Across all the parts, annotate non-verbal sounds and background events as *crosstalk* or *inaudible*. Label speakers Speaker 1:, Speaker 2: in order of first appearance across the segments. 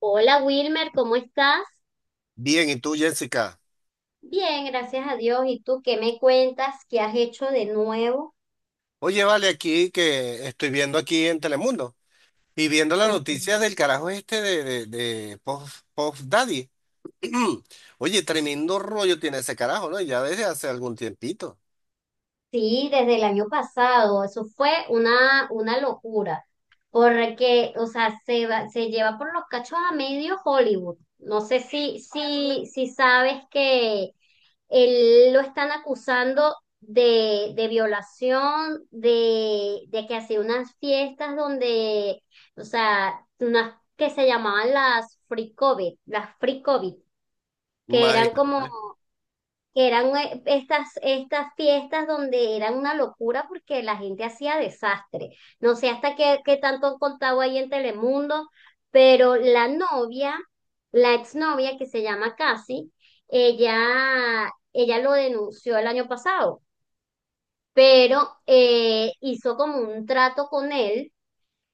Speaker 1: Hola Wilmer, ¿cómo estás?
Speaker 2: Bien, ¿y tú, Jessica?
Speaker 1: Bien, gracias a Dios. ¿Y tú qué me cuentas? ¿Qué has hecho de nuevo?
Speaker 2: Oye, vale, aquí que estoy viendo aquí en Telemundo y viendo las
Speaker 1: Ok.
Speaker 2: noticias del carajo este de Puff, Puff Daddy. *clears throat* Oye, tremendo rollo tiene ese carajo, ¿no? Ya desde hace algún tiempito.
Speaker 1: Sí, desde el año pasado. Eso fue una locura. Porque, o sea, se lleva por los cachos a medio Hollywood. No sé si sabes que. Él lo están acusando de violación, de que hacía unas fiestas donde, o sea, unas que se llamaban las free COVID, que eran estas fiestas donde era una locura porque la gente hacía desastre. No sé hasta qué tanto han contado ahí en Telemundo, pero la exnovia que se llama Cassie, ella lo denunció el año pasado, pero hizo como un trato con él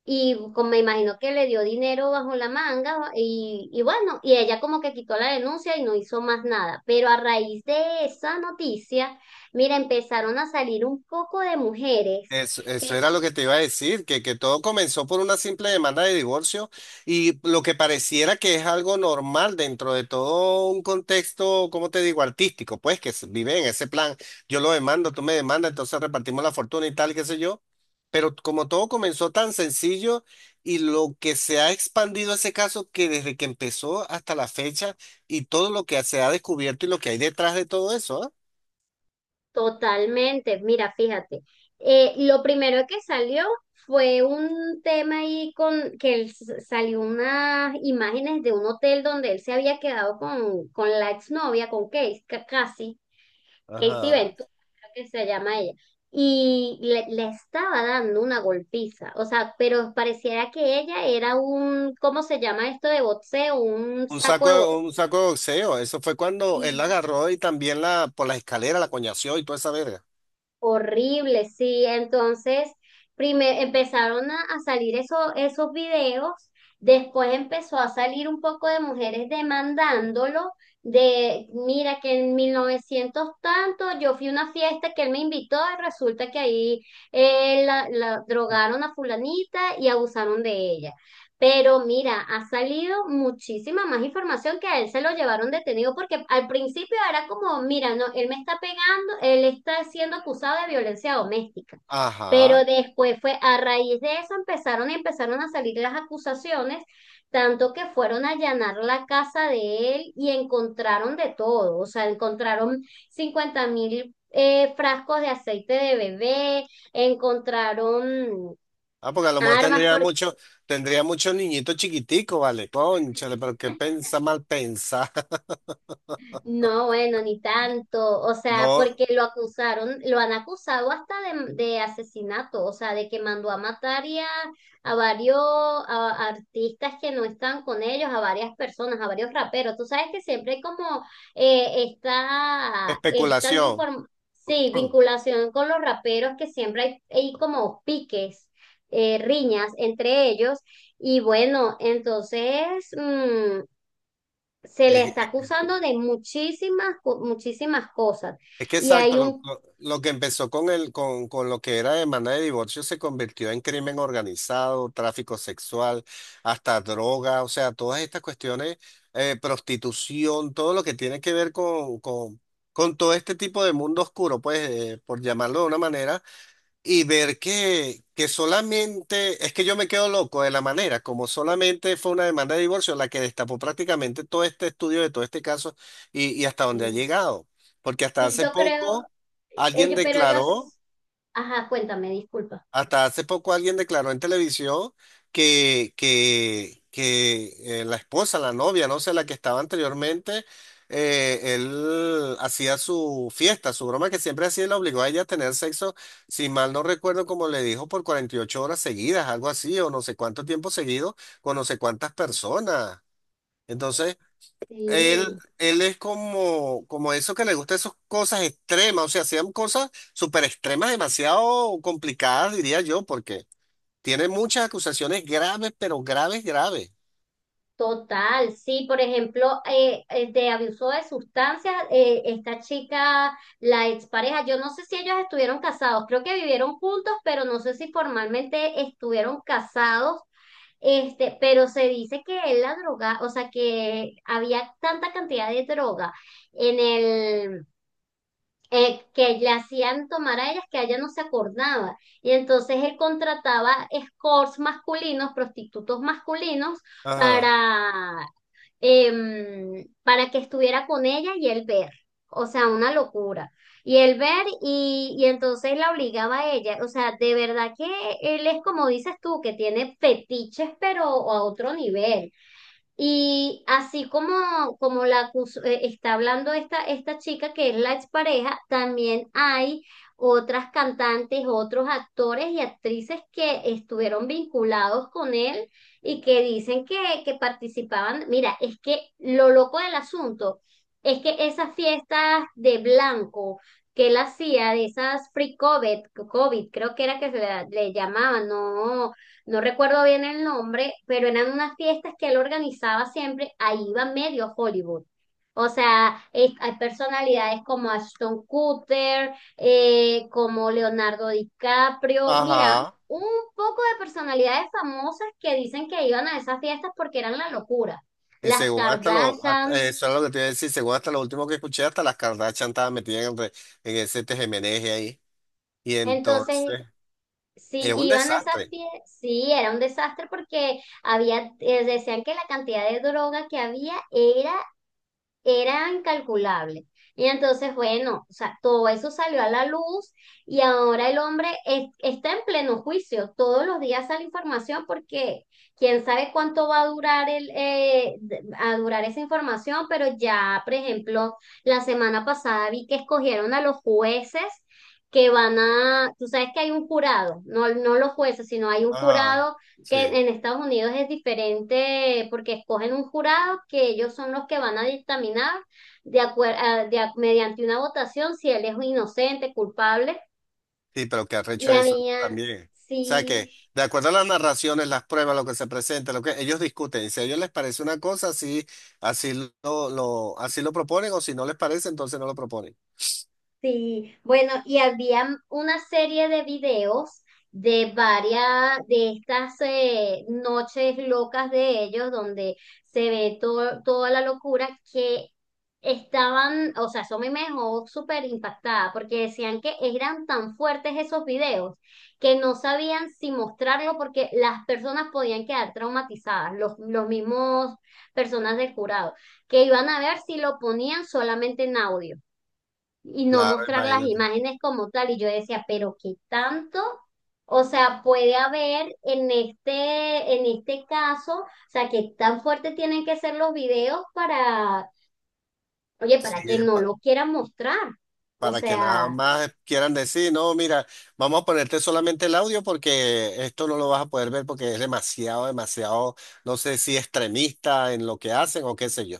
Speaker 1: y como me imagino que le dio dinero bajo la manga y, bueno, y ella como que quitó la denuncia y no hizo más nada. Pero a raíz de esa noticia, mira, empezaron a salir un poco de mujeres
Speaker 2: Eso
Speaker 1: que
Speaker 2: era lo que te iba a decir, que todo comenzó por una simple demanda de divorcio y lo que pareciera que es algo normal dentro de todo un contexto, como te digo, artístico, pues que se vive en ese plan. Yo lo demando, tú me demandas, entonces repartimos la fortuna y tal, qué sé yo, pero como todo comenzó tan sencillo y lo que se ha expandido ese caso, que desde que empezó hasta la fecha y todo lo que se ha descubierto y lo que hay detrás de todo eso, ¿ah?
Speaker 1: totalmente. Mira, fíjate, lo primero que salió fue un tema ahí con que él salió unas imágenes de un hotel donde él se había quedado con la exnovia, con Kate, casi. Casey
Speaker 2: Ajá.
Speaker 1: Ventura, creo que se llama ella. Y le estaba dando una golpiza, o sea, pero pareciera que ella era un... ¿cómo se llama esto de boxeo? Un
Speaker 2: Un
Speaker 1: saco
Speaker 2: saco,
Speaker 1: de
Speaker 2: un saco de boxeo. Eso fue cuando él
Speaker 1: boxeo.
Speaker 2: la agarró y también la por las escaleras la coñació y toda esa verga.
Speaker 1: Horrible, sí. Entonces, empezaron a salir esos videos. Después empezó a salir un poco de mujeres demandándolo, de, mira, que en 1900 tanto, yo fui a una fiesta que él me invitó y resulta que ahí la drogaron a fulanita y abusaron de ella. Pero mira, ha salido muchísima más información que a él se lo llevaron detenido, porque al principio era como, mira, no, él me está pegando. Él está siendo acusado de violencia doméstica. Pero
Speaker 2: Ajá.
Speaker 1: después fue, a raíz de eso empezaron a salir las acusaciones, tanto que fueron a allanar la casa de él y encontraron de todo. O sea, encontraron 50.000 frascos de aceite de bebé, encontraron
Speaker 2: Ah, porque a lo mejor
Speaker 1: armas.
Speaker 2: tendría
Speaker 1: Por
Speaker 2: mucho, tendría muchos niñitos chiquiticos, vale. Cónchale, pero qué pensa mal pensa. *laughs*
Speaker 1: No, bueno, ni tanto, o sea,
Speaker 2: No,
Speaker 1: porque lo acusaron, lo han acusado hasta de asesinato, o sea, de que mandó a matar y a varios a artistas que no están con ellos, a varias personas, a varios raperos. Tú sabes que siempre hay como eh, esta, esta
Speaker 2: especulación.
Speaker 1: inform- sí,
Speaker 2: *clears throat*
Speaker 1: vinculación con los raperos, que siempre hay como piques, riñas entre ellos. Y bueno, entonces, mm, se le
Speaker 2: Es,
Speaker 1: está acusando de muchísimas, muchísimas cosas.
Speaker 2: Es que
Speaker 1: Y hay
Speaker 2: exacto,
Speaker 1: un,
Speaker 2: lo que empezó con el, con lo que era demanda de divorcio, se convirtió en crimen organizado, tráfico sexual, hasta droga, o sea, todas estas cuestiones, prostitución, todo lo que tiene que ver con todo este tipo de mundo oscuro, pues, por llamarlo de una manera, y ver que solamente, es que yo me quedo loco de la manera como solamente fue una demanda de divorcio la que destapó prácticamente todo este estudio de todo este caso y hasta dónde ha llegado. Porque hasta
Speaker 1: sí,
Speaker 2: hace
Speaker 1: yo creo,
Speaker 2: poco alguien
Speaker 1: ellos, pero
Speaker 2: declaró
Speaker 1: ellos, ajá, cuéntame, disculpa.
Speaker 2: Hasta hace poco alguien declaró en televisión que la esposa, la novia, no sé, la que estaba anteriormente, él hacía su fiesta, su broma que siempre hacía, y la obligó a ella a tener sexo, si mal no recuerdo, como le dijo, por 48 horas seguidas, algo así, o no sé cuánto tiempo seguido, con no sé cuántas personas. Entonces, él,
Speaker 1: Sí,
Speaker 2: él es como, como eso que le gusta esas cosas extremas, o sea, hacían cosas súper extremas, demasiado complicadas, diría yo, porque tiene muchas acusaciones graves, pero graves, graves.
Speaker 1: total, sí, por ejemplo, de abuso de sustancias, esta chica, la expareja, yo no sé si ellos estuvieron casados, creo que vivieron juntos, pero no sé si formalmente estuvieron casados. Pero se dice que él la droga, o sea, que había tanta cantidad de droga en el, que le hacían tomar a ellas, que ella no se acordaba. Y entonces él contrataba escorts masculinos, prostitutos masculinos,
Speaker 2: Ajá,
Speaker 1: para para que estuviera con ella y él ver. O sea, una locura. Y él ver, y entonces la obligaba a ella. O sea, de verdad que él es como dices tú, que tiene fetiches, pero a otro nivel. Y así como está hablando esta chica, que es la expareja, también hay otras cantantes, otros actores y actrices que estuvieron vinculados con él y que dicen que participaban. Mira, es que lo loco del asunto es que esas fiestas de blanco que él hacía, de esas free COVID, COVID creo que era que se le llamaban, no, no recuerdo bien el nombre, pero eran unas fiestas que él organizaba siempre, ahí iba medio Hollywood. O sea, hay personalidades como Ashton Kutcher, como Leonardo DiCaprio. Mira,
Speaker 2: ajá.
Speaker 1: un poco de personalidades famosas que dicen que iban a esas fiestas porque eran la locura.
Speaker 2: Y
Speaker 1: Las
Speaker 2: según hasta lo, hasta-
Speaker 1: Kardashian.
Speaker 2: eh, eso es lo que te iba a decir, según hasta lo último que escuché, hasta las Kardashian estaban metidas en, en ese tejemeneje ahí. Y
Speaker 1: Entonces,
Speaker 2: entonces,
Speaker 1: sí,
Speaker 2: es un
Speaker 1: iban a esas
Speaker 2: desastre.
Speaker 1: fiestas. Sí, era un desastre porque había, decían que la cantidad de droga que había era incalculable. Y entonces, bueno, o sea, todo eso salió a la luz y ahora el hombre está en pleno juicio. Todos los días sale información, porque quién sabe cuánto va a durar el, de- a durar esa información, pero ya, por ejemplo, la semana pasada vi que escogieron a los jueces, que van a... tú sabes que hay un jurado, no, no los jueces, sino hay un
Speaker 2: Ajá,
Speaker 1: jurado
Speaker 2: sí,
Speaker 1: que en Estados Unidos es diferente, porque escogen un jurado que ellos son los que van a dictaminar de acuer- a- de a- mediante una votación si él es inocente, culpable.
Speaker 2: sí, pero que
Speaker 1: Y
Speaker 2: arrecho
Speaker 1: a
Speaker 2: eso
Speaker 1: mí, ah,
Speaker 2: también. O sea
Speaker 1: sí.
Speaker 2: que, de acuerdo a las narraciones, las pruebas, lo que se presenta, lo que ellos discuten, si a ellos les parece una cosa, así, así así lo proponen, o si no les parece, entonces no lo proponen.
Speaker 1: Sí, bueno, y había una serie de videos de varias de estas noches locas de ellos, donde se ve toda la locura que estaban, o sea. Eso a mí me dejó súper impactada porque decían que eran tan fuertes esos videos que no sabían si mostrarlo, porque las personas podían quedar traumatizadas, los mismos personas del jurado, que iban a ver si lo ponían solamente en audio y no
Speaker 2: Claro,
Speaker 1: mostrar las
Speaker 2: imagínate.
Speaker 1: imágenes como tal. Y yo decía, pero qué tanto, o sea, puede haber en este caso, o sea, qué tan fuerte tienen que ser los videos oye, para
Speaker 2: Sí,
Speaker 1: que
Speaker 2: es
Speaker 1: no lo quieran mostrar. O
Speaker 2: para que nada
Speaker 1: sea.
Speaker 2: más quieran decir, no, mira, vamos a ponerte solamente el audio porque esto no lo vas a poder ver porque es demasiado, demasiado, no sé si extremista en lo que hacen o qué sé yo.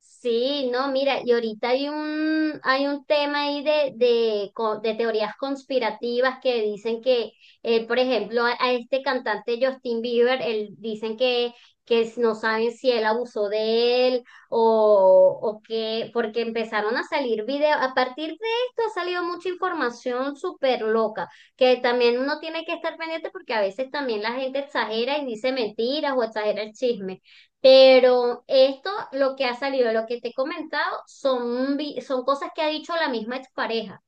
Speaker 1: Sí, no, mira, y ahorita hay un tema ahí de teorías conspirativas que dicen que, por ejemplo, a este cantante Justin Bieber, él, dicen no saben si él abusó de él o que, porque empezaron a salir videos. A partir de esto ha salido mucha información súper loca, que también uno tiene que estar pendiente porque a veces también la gente exagera y dice mentiras o exagera el chisme. Pero esto, lo que ha salido, lo que te he comentado, son cosas que ha dicho la misma expareja.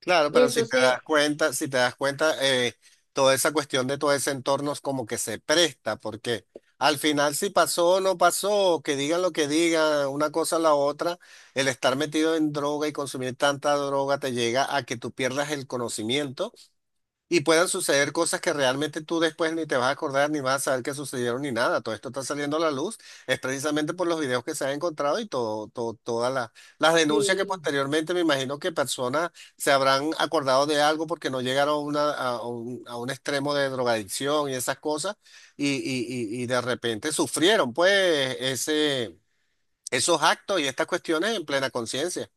Speaker 2: Claro,
Speaker 1: Y
Speaker 2: pero si te
Speaker 1: entonces,
Speaker 2: das cuenta, si te das cuenta, toda esa cuestión de todo ese entorno es como que se presta, porque al final si pasó o no pasó, que digan lo que digan, una cosa o la otra, el estar metido en droga y consumir tanta droga te llega a que tú pierdas el conocimiento, y puedan suceder cosas que realmente tú después ni te vas a acordar, ni vas a saber que sucedieron, ni nada. Todo esto está saliendo a la luz, es precisamente por los videos que se han encontrado y todo, todas las denuncias que
Speaker 1: sí,
Speaker 2: posteriormente, me imagino que personas se habrán acordado de algo porque no llegaron a, a un extremo de drogadicción y esas cosas, y de repente sufrieron, pues, ese, esos actos y estas cuestiones en plena conciencia.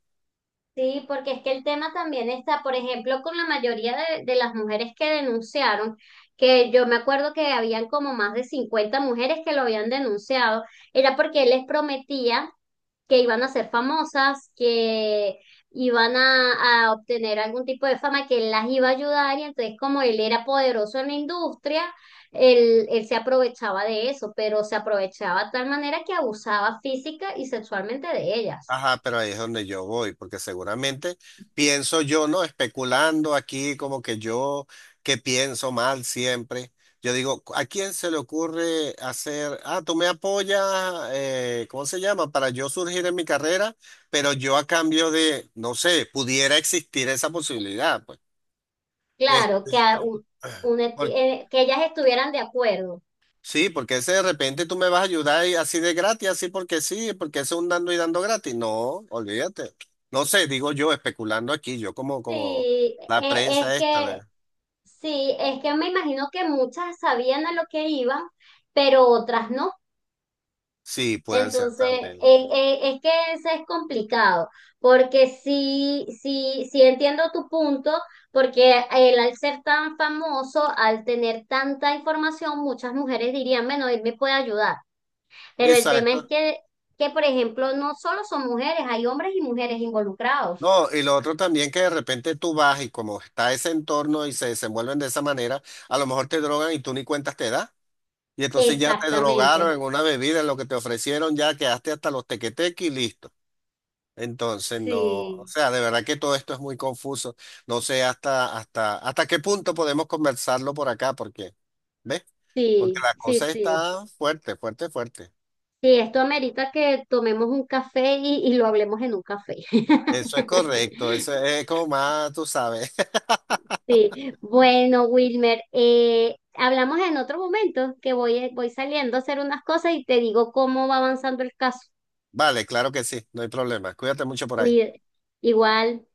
Speaker 1: sí, porque es que el tema también está, por ejemplo, con la mayoría de las mujeres que denunciaron, que yo me acuerdo que habían como más de 50 mujeres que lo habían denunciado, era porque él les prometía que iban a ser famosas, que iban a obtener algún tipo de fama, que él las iba a ayudar, y entonces como él era poderoso en la industria, él se aprovechaba de eso, pero se aprovechaba de tal manera que abusaba física y sexualmente de ellas.
Speaker 2: Ajá, pero ahí es donde yo voy, porque seguramente, pienso yo, ¿no? Especulando aquí, como que yo, que pienso mal siempre. Yo digo, ¿a quién se le ocurre hacer, ah, tú me apoyas, ¿cómo se llama? Para yo surgir en mi carrera, pero yo a cambio de, no sé, pudiera existir esa posibilidad, pues. Es-
Speaker 1: Claro, que, a un eti-
Speaker 2: *clears throat*
Speaker 1: que ellas estuvieran de acuerdo.
Speaker 2: Sí, porque ese de repente tú me vas a ayudar y así de gratis, así porque sí, porque eso es un dando y dando gratis. No, olvídate. No sé, digo yo, especulando aquí, yo como, como
Speaker 1: Sí,
Speaker 2: la
Speaker 1: es
Speaker 2: prensa esta.
Speaker 1: que,
Speaker 2: La-
Speaker 1: sí, es que me imagino que muchas sabían a lo que iban, pero otras no.
Speaker 2: Sí, puede ser
Speaker 1: Entonces,
Speaker 2: también.
Speaker 1: es que eso es complicado, porque sí, sí, sí entiendo tu punto, porque él al ser tan famoso, al tener tanta información, muchas mujeres dirían, bueno, él me puede ayudar. Pero el tema es
Speaker 2: Exacto.
Speaker 1: que, por ejemplo, no solo son mujeres, hay hombres y mujeres involucrados.
Speaker 2: No, y lo otro también, que de repente tú vas y como está ese entorno y se desenvuelven de esa manera, a lo mejor te drogan y tú ni cuentas te das. Y entonces ya te
Speaker 1: Exactamente.
Speaker 2: drogaron en una bebida, en lo que te ofrecieron, ya quedaste hasta los tequeteques y listo. Entonces, no, o
Speaker 1: Sí,
Speaker 2: sea, de verdad que todo esto es muy confuso. No sé hasta, hasta, hasta qué punto podemos conversarlo por acá, porque, ¿ves? Porque
Speaker 1: sí,
Speaker 2: la
Speaker 1: sí,
Speaker 2: cosa
Speaker 1: sí.
Speaker 2: está fuerte, fuerte, fuerte.
Speaker 1: Sí, esto amerita que tomemos un café y lo hablemos en un café.
Speaker 2: Eso es correcto, eso
Speaker 1: *laughs*
Speaker 2: es como más, tú sabes. *laughs*
Speaker 1: Sí, bueno, Wilmer, hablamos en otro momento, que voy saliendo a hacer unas cosas y te digo cómo va avanzando el caso.
Speaker 2: Vale, claro que sí, no hay problema. Cuídate mucho por ahí.
Speaker 1: Cuide, igual.